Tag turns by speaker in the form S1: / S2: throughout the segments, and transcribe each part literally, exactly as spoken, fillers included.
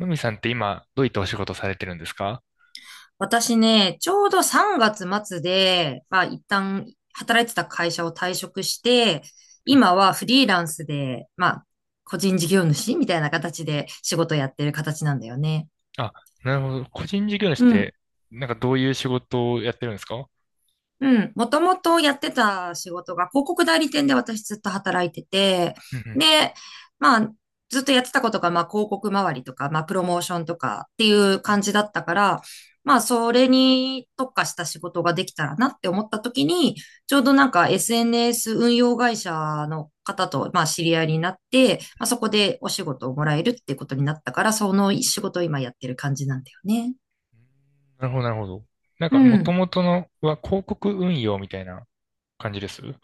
S1: のみさんって今、どういったお仕事されてるんですか？
S2: 私ね、ちょうどさんがつ末で、まあ一旦働いてた会社を退職して、
S1: うん。
S2: 今はフリーランスで、まあ個人事業主みたいな形で仕事やってる形なんだよね。
S1: あ、なるほど。個人事業主っ
S2: うん。
S1: て、なんかどういう仕事をやってるんですか？
S2: うん。もともとやってた仕事が広告代理店で私ずっと働いてて、
S1: うんうん。
S2: で、まあ、ずっとやってたことが、まあ、広告周りとか、まあ、プロモーションとかっていう感じだったから、まあ、それに特化した仕事ができたらなって思った時に、ちょうどなんか エスエヌエス 運用会社の方と、まあ、知り合いになって、まあ、そこでお仕事をもらえるっていうことになったから、その仕事を今やってる感じなんだよね。
S1: なるほど、なるほど。なん
S2: う
S1: か、もと
S2: ん。
S1: もとのは広告運用みたいな感じですは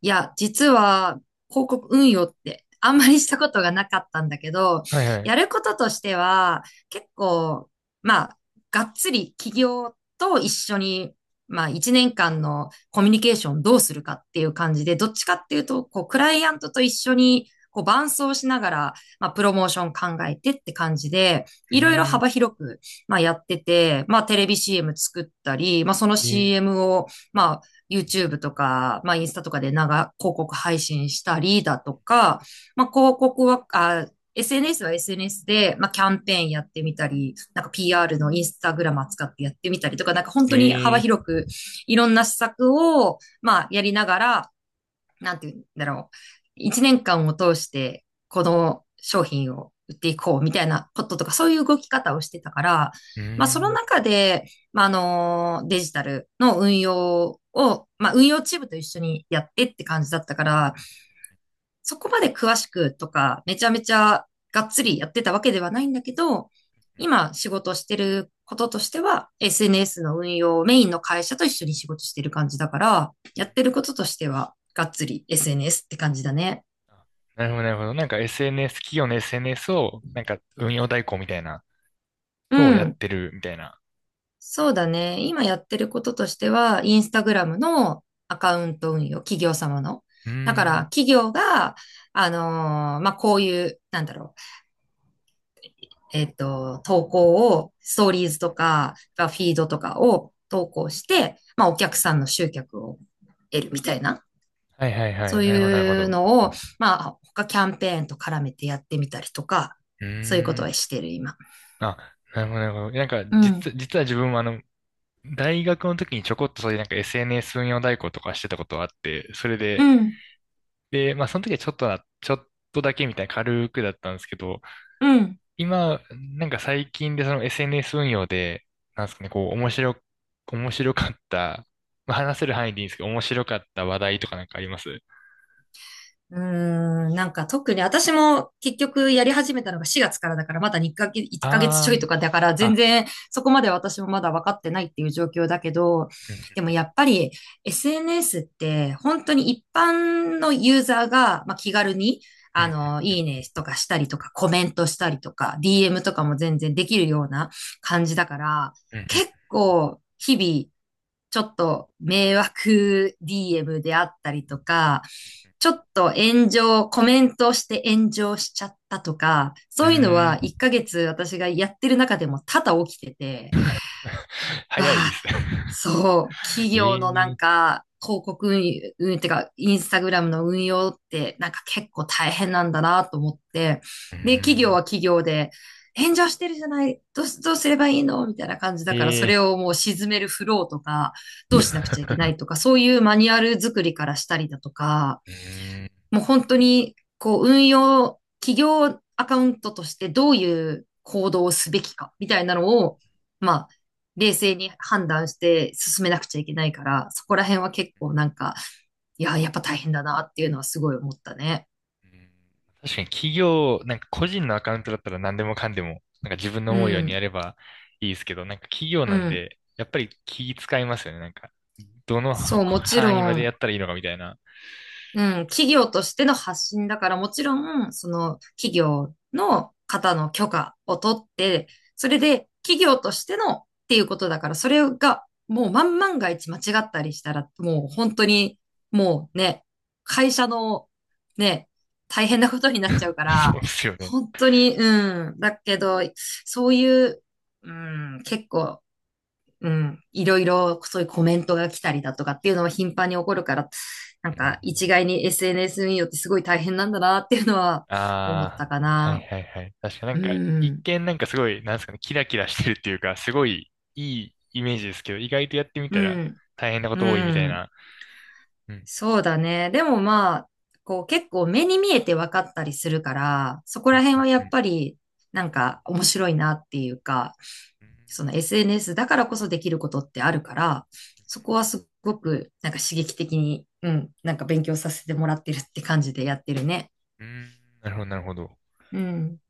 S2: いや、実は広告運用ってあんまりしたことがなかったんだけど、
S1: いはい。う
S2: やることとしては結構、まあ、がっつり企業と一緒に、まあ、いちねんかんのコミュニケーションどうするかっていう感じで、どっちかっていうと、こう、クライアントと一緒に、こう、伴走しながら、まあ、プロモーション考えてって感じで、
S1: ー
S2: いろいろ
S1: ん。
S2: 幅広く、まあ、やってて、まあ、テレビ シーエム 作ったり、まあ、その
S1: え
S2: シーエム を、まあ、YouTube とか、まあ、インスタとかで長、広告配信したりだとか、まあ、広告は、あ エスエヌエス は エスエヌエス で、まあ、キャンペーンやってみたり、なんか ピーアール のインスタグラム使ってやってみたりとか、なんか
S1: ー、
S2: 本当に
S1: え
S2: 幅
S1: ー、
S2: 広くいろんな施策を、まあ、やりながら、なんて言うんだろう。いちねんかんを通して、この商品を売っていこうみたいなこととか、そういう動き方をしてたから、
S1: う
S2: まあ、
S1: ー
S2: その
S1: ん。
S2: 中で、まあ、あの、デジタルの運用を、まあ、運用チームと一緒にやってって感じだったから、そこまで詳しくとか、めちゃめちゃがっつりやってたわけではないんだけど、今仕事してることとしては、エスエヌエス の運用をメインの会社と一緒に仕事してる感じだから、やってることとしては、がっつり エスエヌエス って感じだね。
S1: あ、なるほど、なるほど。なんか エスエヌエス、企業の エスエヌエス を、なんか運用代行みたいな
S2: う
S1: のをやっ
S2: ん。
S1: てるみたいな。
S2: そうだね。今やってることとしては、インスタグラムのアカウント運用、企業様の。
S1: うー
S2: だから、
S1: ん。
S2: 企業が、あのーまあ、こういう、なんだろう、えっと、投稿を、ストーリーズとか、フィードとかを投稿して、まあ、お客さんの集客を得るみたいな、
S1: はいはいは
S2: そ
S1: い。
S2: う
S1: なるほど、なるほ
S2: いう
S1: ど。
S2: のを、まあ、他キャンペーンと絡めてやってみたりとか、
S1: う
S2: そういうこ
S1: ー
S2: と
S1: ん。
S2: はしてる、今。
S1: あ、なるほど、なるほど。なんか、
S2: うん。
S1: 実、実は自分もあの、大学の時にちょこっとそういうなんか エスエヌエス 運用代行とかしてたことがあって、それ
S2: う
S1: で、
S2: ん。
S1: で、まあその時はちょっとな、ちょっとだけみたいな軽くだったんですけど、
S2: うん。
S1: 今、なんか最近でその エスエヌエス 運用で、なんですかね、こう、面白、面白かった、まあ話せる範囲でいいんですけど、面白かった話題とかなんかあります？
S2: うーん、なんか特に私も結局やり始めたのがしがつからだからまだにかげつ、いっかげつ
S1: あ
S2: ちょいとかだから
S1: ー、
S2: 全
S1: あ、
S2: 然そこまで私もまだ分かってないっていう状況だけど、
S1: うん、
S2: でもやっぱり エスエヌエス って本当に一般のユーザーが、まあ、気軽に
S1: う
S2: あ
S1: ん、
S2: の、いいねとかしたりとかコメントしたりとか ディーエム とかも全然できるような感じだから
S1: うん、
S2: 結構日々ちょっと迷惑 ディーエム であったりとか、ちょっと炎上、コメントして炎上しちゃったとか、
S1: うん、
S2: そ
S1: う
S2: ういうの
S1: ーん。
S2: はいっかげつ私がやってる中でも多々起きてて、わ
S1: 早いで
S2: あ、
S1: す。
S2: そう、企
S1: え
S2: 業のなん
S1: ー、
S2: か、広告運輸、運輸ってか、インスタグラムの運用って、なんか結構大変なんだなと思って、
S1: う
S2: で、企業
S1: ん、
S2: は企業で、炎上してるじゃない、どうす、どうすればいいのみたいな感じだから、
S1: え
S2: そ
S1: え
S2: れをもう沈めるフローとか、どうしなくちゃいけない とか、そういうマニュアル作りからしたりだとか、
S1: うーん。
S2: もう本当に、こう、運用、企業アカウントとしてどういう行動をすべきか、みたいなのを、まあ、冷静に判断して進めなくちゃいけないから、そこら辺は結構なんか、いや、やっぱ大変だなっていうのはすごい思ったね。
S1: 確かに企業、なんか個人のアカウントだったら何でもかんでも、なんか自分の
S2: う
S1: 思うようにや
S2: ん、
S1: ればいいですけど、なんか企業
S2: う
S1: なん
S2: ん。
S1: で、やっぱり気使いますよね。なんか、どの
S2: そう、
S1: こ
S2: もちろ
S1: 範囲までや
S2: ん、
S1: ったらいいのかみたいな。
S2: うん、企業としての発信だから、もちろん、その企業の方の許可を取って、それで企業としてのっていうことだから、それがもう万万が一間違ったりしたら、もう本当に、もうね、会社のね、大変なことになっちゃうか
S1: そ
S2: ら、
S1: うですよね。
S2: 本当に、うん、だけど、そういう、うん、結構うん、いろいろそういうコメントが来たりだとかっていうのは頻繁に起こるから、なん
S1: うん。
S2: か一概に エスエヌエス によってすごい大変なんだなっていうのは思っ
S1: ああ、
S2: たか
S1: はい
S2: な。
S1: はいはい。確かなん
S2: う
S1: か、一
S2: ん、
S1: 見なんかすごい、なんですかね、キラキラしてるっていうか、すごいいいイメージですけど、意外とやってみ
S2: う
S1: たら
S2: ん、
S1: 大変なこ
S2: う
S1: と多いみたい
S2: ん。
S1: な。うん、
S2: そうだね。でもまあ、こう結構目に見えて分かったりするから、そこ
S1: う
S2: ら
S1: ん、
S2: 辺はや
S1: うん、
S2: っ
S1: うん。
S2: ぱりなんか面白いなっていうか、
S1: う
S2: その エスエヌエス だからこそできることってあるから、そこはすごくなんか刺激的に、うん、なんか勉強させてもらってるって感じでやってるね。
S1: ん、うん、なるほど、なるほど。
S2: うん。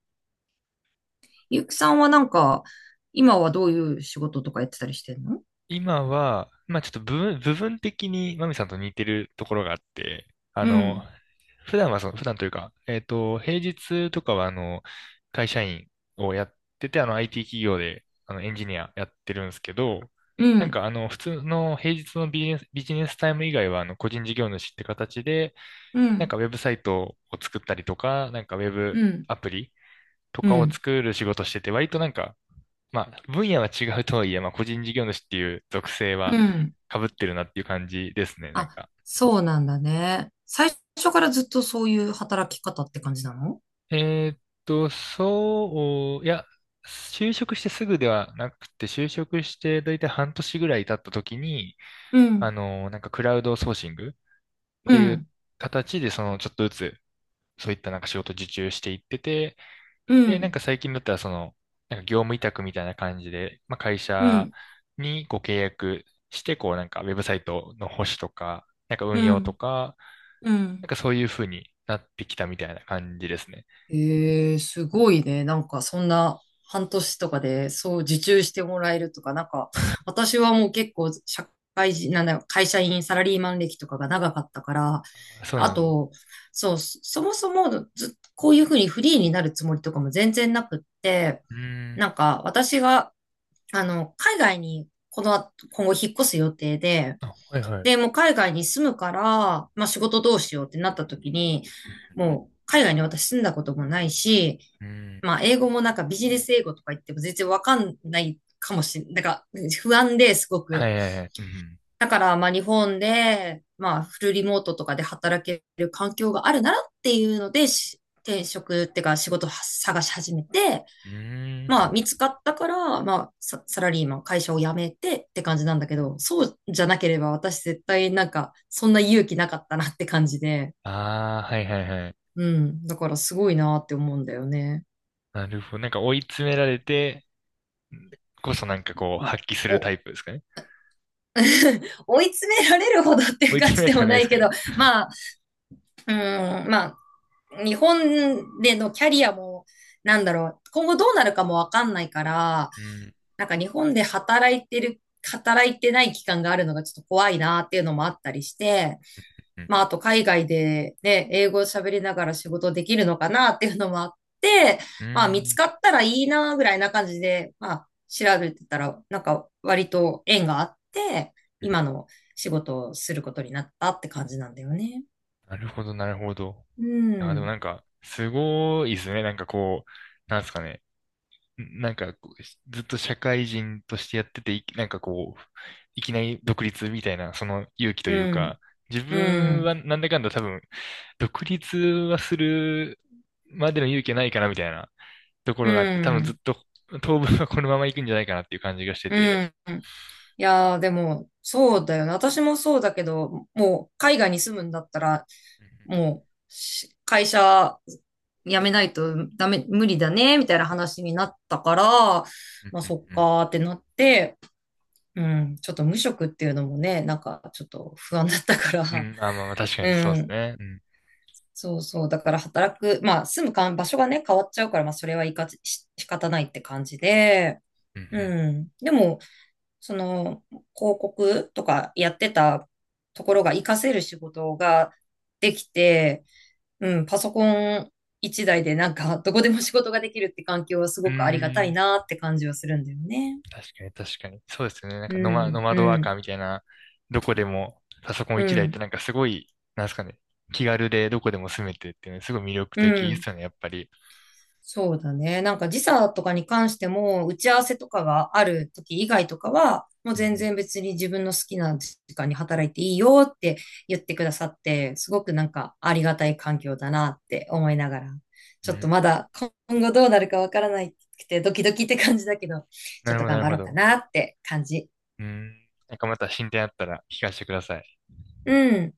S2: ゆうきさんはなんか、今はどういう仕事とかやってたりしてんの？
S1: 今は、まあちょっと部分、部分的にマミさんと似てるところがあって、あ
S2: う
S1: の、
S2: ん、
S1: 普段はその、普段というか、えっと、平日とかはあの、会社員をやってて、あの、アイティー 企業で、あの、エンジニアやってるんですけど、
S2: う
S1: なん
S2: ん、
S1: かあの、普通の平日のビジネス、ビジネスタイム以外は、あの、個人事業主って形で、
S2: う
S1: なんか
S2: ん、
S1: ウェブサイトを作ったりとか、なんかウェブ
S2: うん、
S1: アプリと
S2: う
S1: かを
S2: ん、
S1: 作る仕事してて、割となんか、まあ、分野は違うとはいえ、まあ、個人事業主っていう属性
S2: う
S1: は
S2: ん。
S1: 被ってるなっていう感じですね、なん
S2: あ、
S1: か。
S2: そうなんだね。最初からずっとそういう働き方って感じなの？
S1: えーっと、そう、いや、就職してすぐではなくて、就職してだいたい半年ぐらい経った時に、
S2: う
S1: あ
S2: ん、
S1: の、なんかクラウドソーシングっ
S2: う
S1: ていう
S2: ん、
S1: 形で、その、ちょっとずつ、そういったなんか仕事受注していってて、
S2: う
S1: で、なん
S2: ん、
S1: か最近だったら、その、なんか業務委託みたいな感じで、まあ、会
S2: う
S1: 社
S2: ん、
S1: にご契約して、こう、なんかウェブサイトの保守とか、なんか
S2: う
S1: 運用と
S2: ん、
S1: か、
S2: う
S1: な
S2: ん。
S1: んかそういう風になってきたみたいな感じですね。
S2: ええ、すごいね。なんかそんな半年とかでそう受注してもらえるとか、なんか私はもう結構社会人、なんだよ、会社員、サラリーマン歴とかが長かったから、
S1: あ、そう
S2: あ
S1: なんです。
S2: と、そう、そそもそもず、こういうふうにフリーになるつもりとかも全然なくって、
S1: うーん。
S2: なんか私があの、海外にこの後、今後引っ越す予定で、
S1: あ、はいは
S2: で、
S1: い。
S2: もう海外に住むから、まあ仕事どうしようってなった時に、
S1: うん。
S2: もう海外に私住んだこともないし、まあ英語もなんかビジネス英語とか言っても全然わかんないかもしれないなんか不安ですご
S1: は
S2: く。
S1: いはいはい。うん。
S2: だからまあ日本で、まあフルリモートとかで働ける環境があるならっていうので、し転職っていうか仕事を探し始めて、
S1: うーん。
S2: まあ、見つかったから、まあ、ササラリーマン、会社を辞めてって感じなんだけど、そうじゃなければ私絶対なんか、そんな勇気なかったなって感じで、
S1: ああ、はいはいはい。
S2: うん。だからすごいなって思うんだよね。
S1: なるほど。なんか追い詰められてこそなんかこう
S2: まあ、
S1: 発揮するタ
S2: お、
S1: イプですかね。
S2: 追い詰められるほどっていう
S1: 追い
S2: 感
S1: 詰め
S2: じ
S1: られ
S2: で
S1: ては
S2: も
S1: ない
S2: な
S1: です
S2: い
S1: か
S2: け
S1: ね。
S2: ど、まあ、うん、まあ、日本でのキャリアも、なんだろう、今後どうなるかもわかんないから、
S1: うん。
S2: なんか日本で働いてる、働いてない期間があるのがちょっと怖いなっていうのもあったりして、
S1: うん。
S2: まあ、あと海外でね、英語を喋りながら仕事できるのかなっていうのもあって、
S1: う
S2: まあ、見つ
S1: ん。
S2: かったらいいなぐらいな感じで、まあ、調べてたら、なんか割と縁があって、今の仕事をすることになったって感じなんだよね。
S1: なるほど、なるほど。
S2: う
S1: あ、でも
S2: ん、
S1: なんか、すごいですね。なんかこう、なんですかね。んなんかこう、しずっと社会人としてやってて、いなんかこう、いきなり独立みたいな、その勇気と
S2: う
S1: いうか、
S2: ん、
S1: 自
S2: う
S1: 分は
S2: ん、
S1: なんだかんだ多分、独立はするまでの勇気はないかなみたいなとこ
S2: う
S1: ろがあって、多分ずっ
S2: ん、
S1: と当分はこのまま行くんじゃないかなっていう感じがして
S2: う
S1: て。
S2: ん。いやー、でも、そうだよね。私もそうだけど、もう、海外に住むんだったら、
S1: う
S2: もう、し会社辞めないとダメ、無理だね、みたいな話になったから、
S1: ん、
S2: まあ、そっ
S1: うん、うん、
S2: かーってなって、うん、ちょっと無職っていうのもね、なんか、ちょっと不安だったか
S1: うん。
S2: ら、
S1: うん、あ、まあまあ確かにそ う
S2: う
S1: です
S2: ん、
S1: ね。うん、
S2: そうそう、だから働く、まあ、住むかん場所がね、変わっちゃうから、まあ、それはいかし仕方ないって感じで、
S1: うん、
S2: うん。でも、その、広告とかやってたところが活かせる仕事ができて、うん、パソコンいちだいでなんか、どこでも仕事ができるって環境はす
S1: うん。
S2: ご
S1: う
S2: くありがたい
S1: ー、
S2: なって感じはするんだよね。
S1: 確かに、確かに。そうですよね。なん
S2: う
S1: かノマ、ノ
S2: ん、
S1: マドワ
S2: う
S1: ーカ
S2: ん、
S1: ーみたいな、どこでもパソコン
S2: う
S1: いちだいって
S2: ん、
S1: なんかすごい、なんですかね、気軽でどこでも住めてっていうのすごい魅力
S2: う
S1: 的で
S2: ん。
S1: すよね、やっぱり。
S2: そうだね。なんか時差とかに関しても、打ち合わせとかがある時以外とかは、もう
S1: う
S2: 全
S1: ん
S2: 然別に自分の好きな時間に働いていいよって言ってくださって、すごくなんかありがたい環境だなって思いながら、
S1: う
S2: ち
S1: ん。う
S2: ょっと
S1: ん。
S2: まだ今後どうなるかわからないくてドキドキって感じだけど、
S1: な
S2: ちょっ
S1: るほ
S2: と
S1: ど、な
S2: 頑
S1: る
S2: 張
S1: ほ
S2: ろうか
S1: ど。
S2: なって感じ。
S1: うん。なんかまた進展あったら聞かせてください。
S2: うん。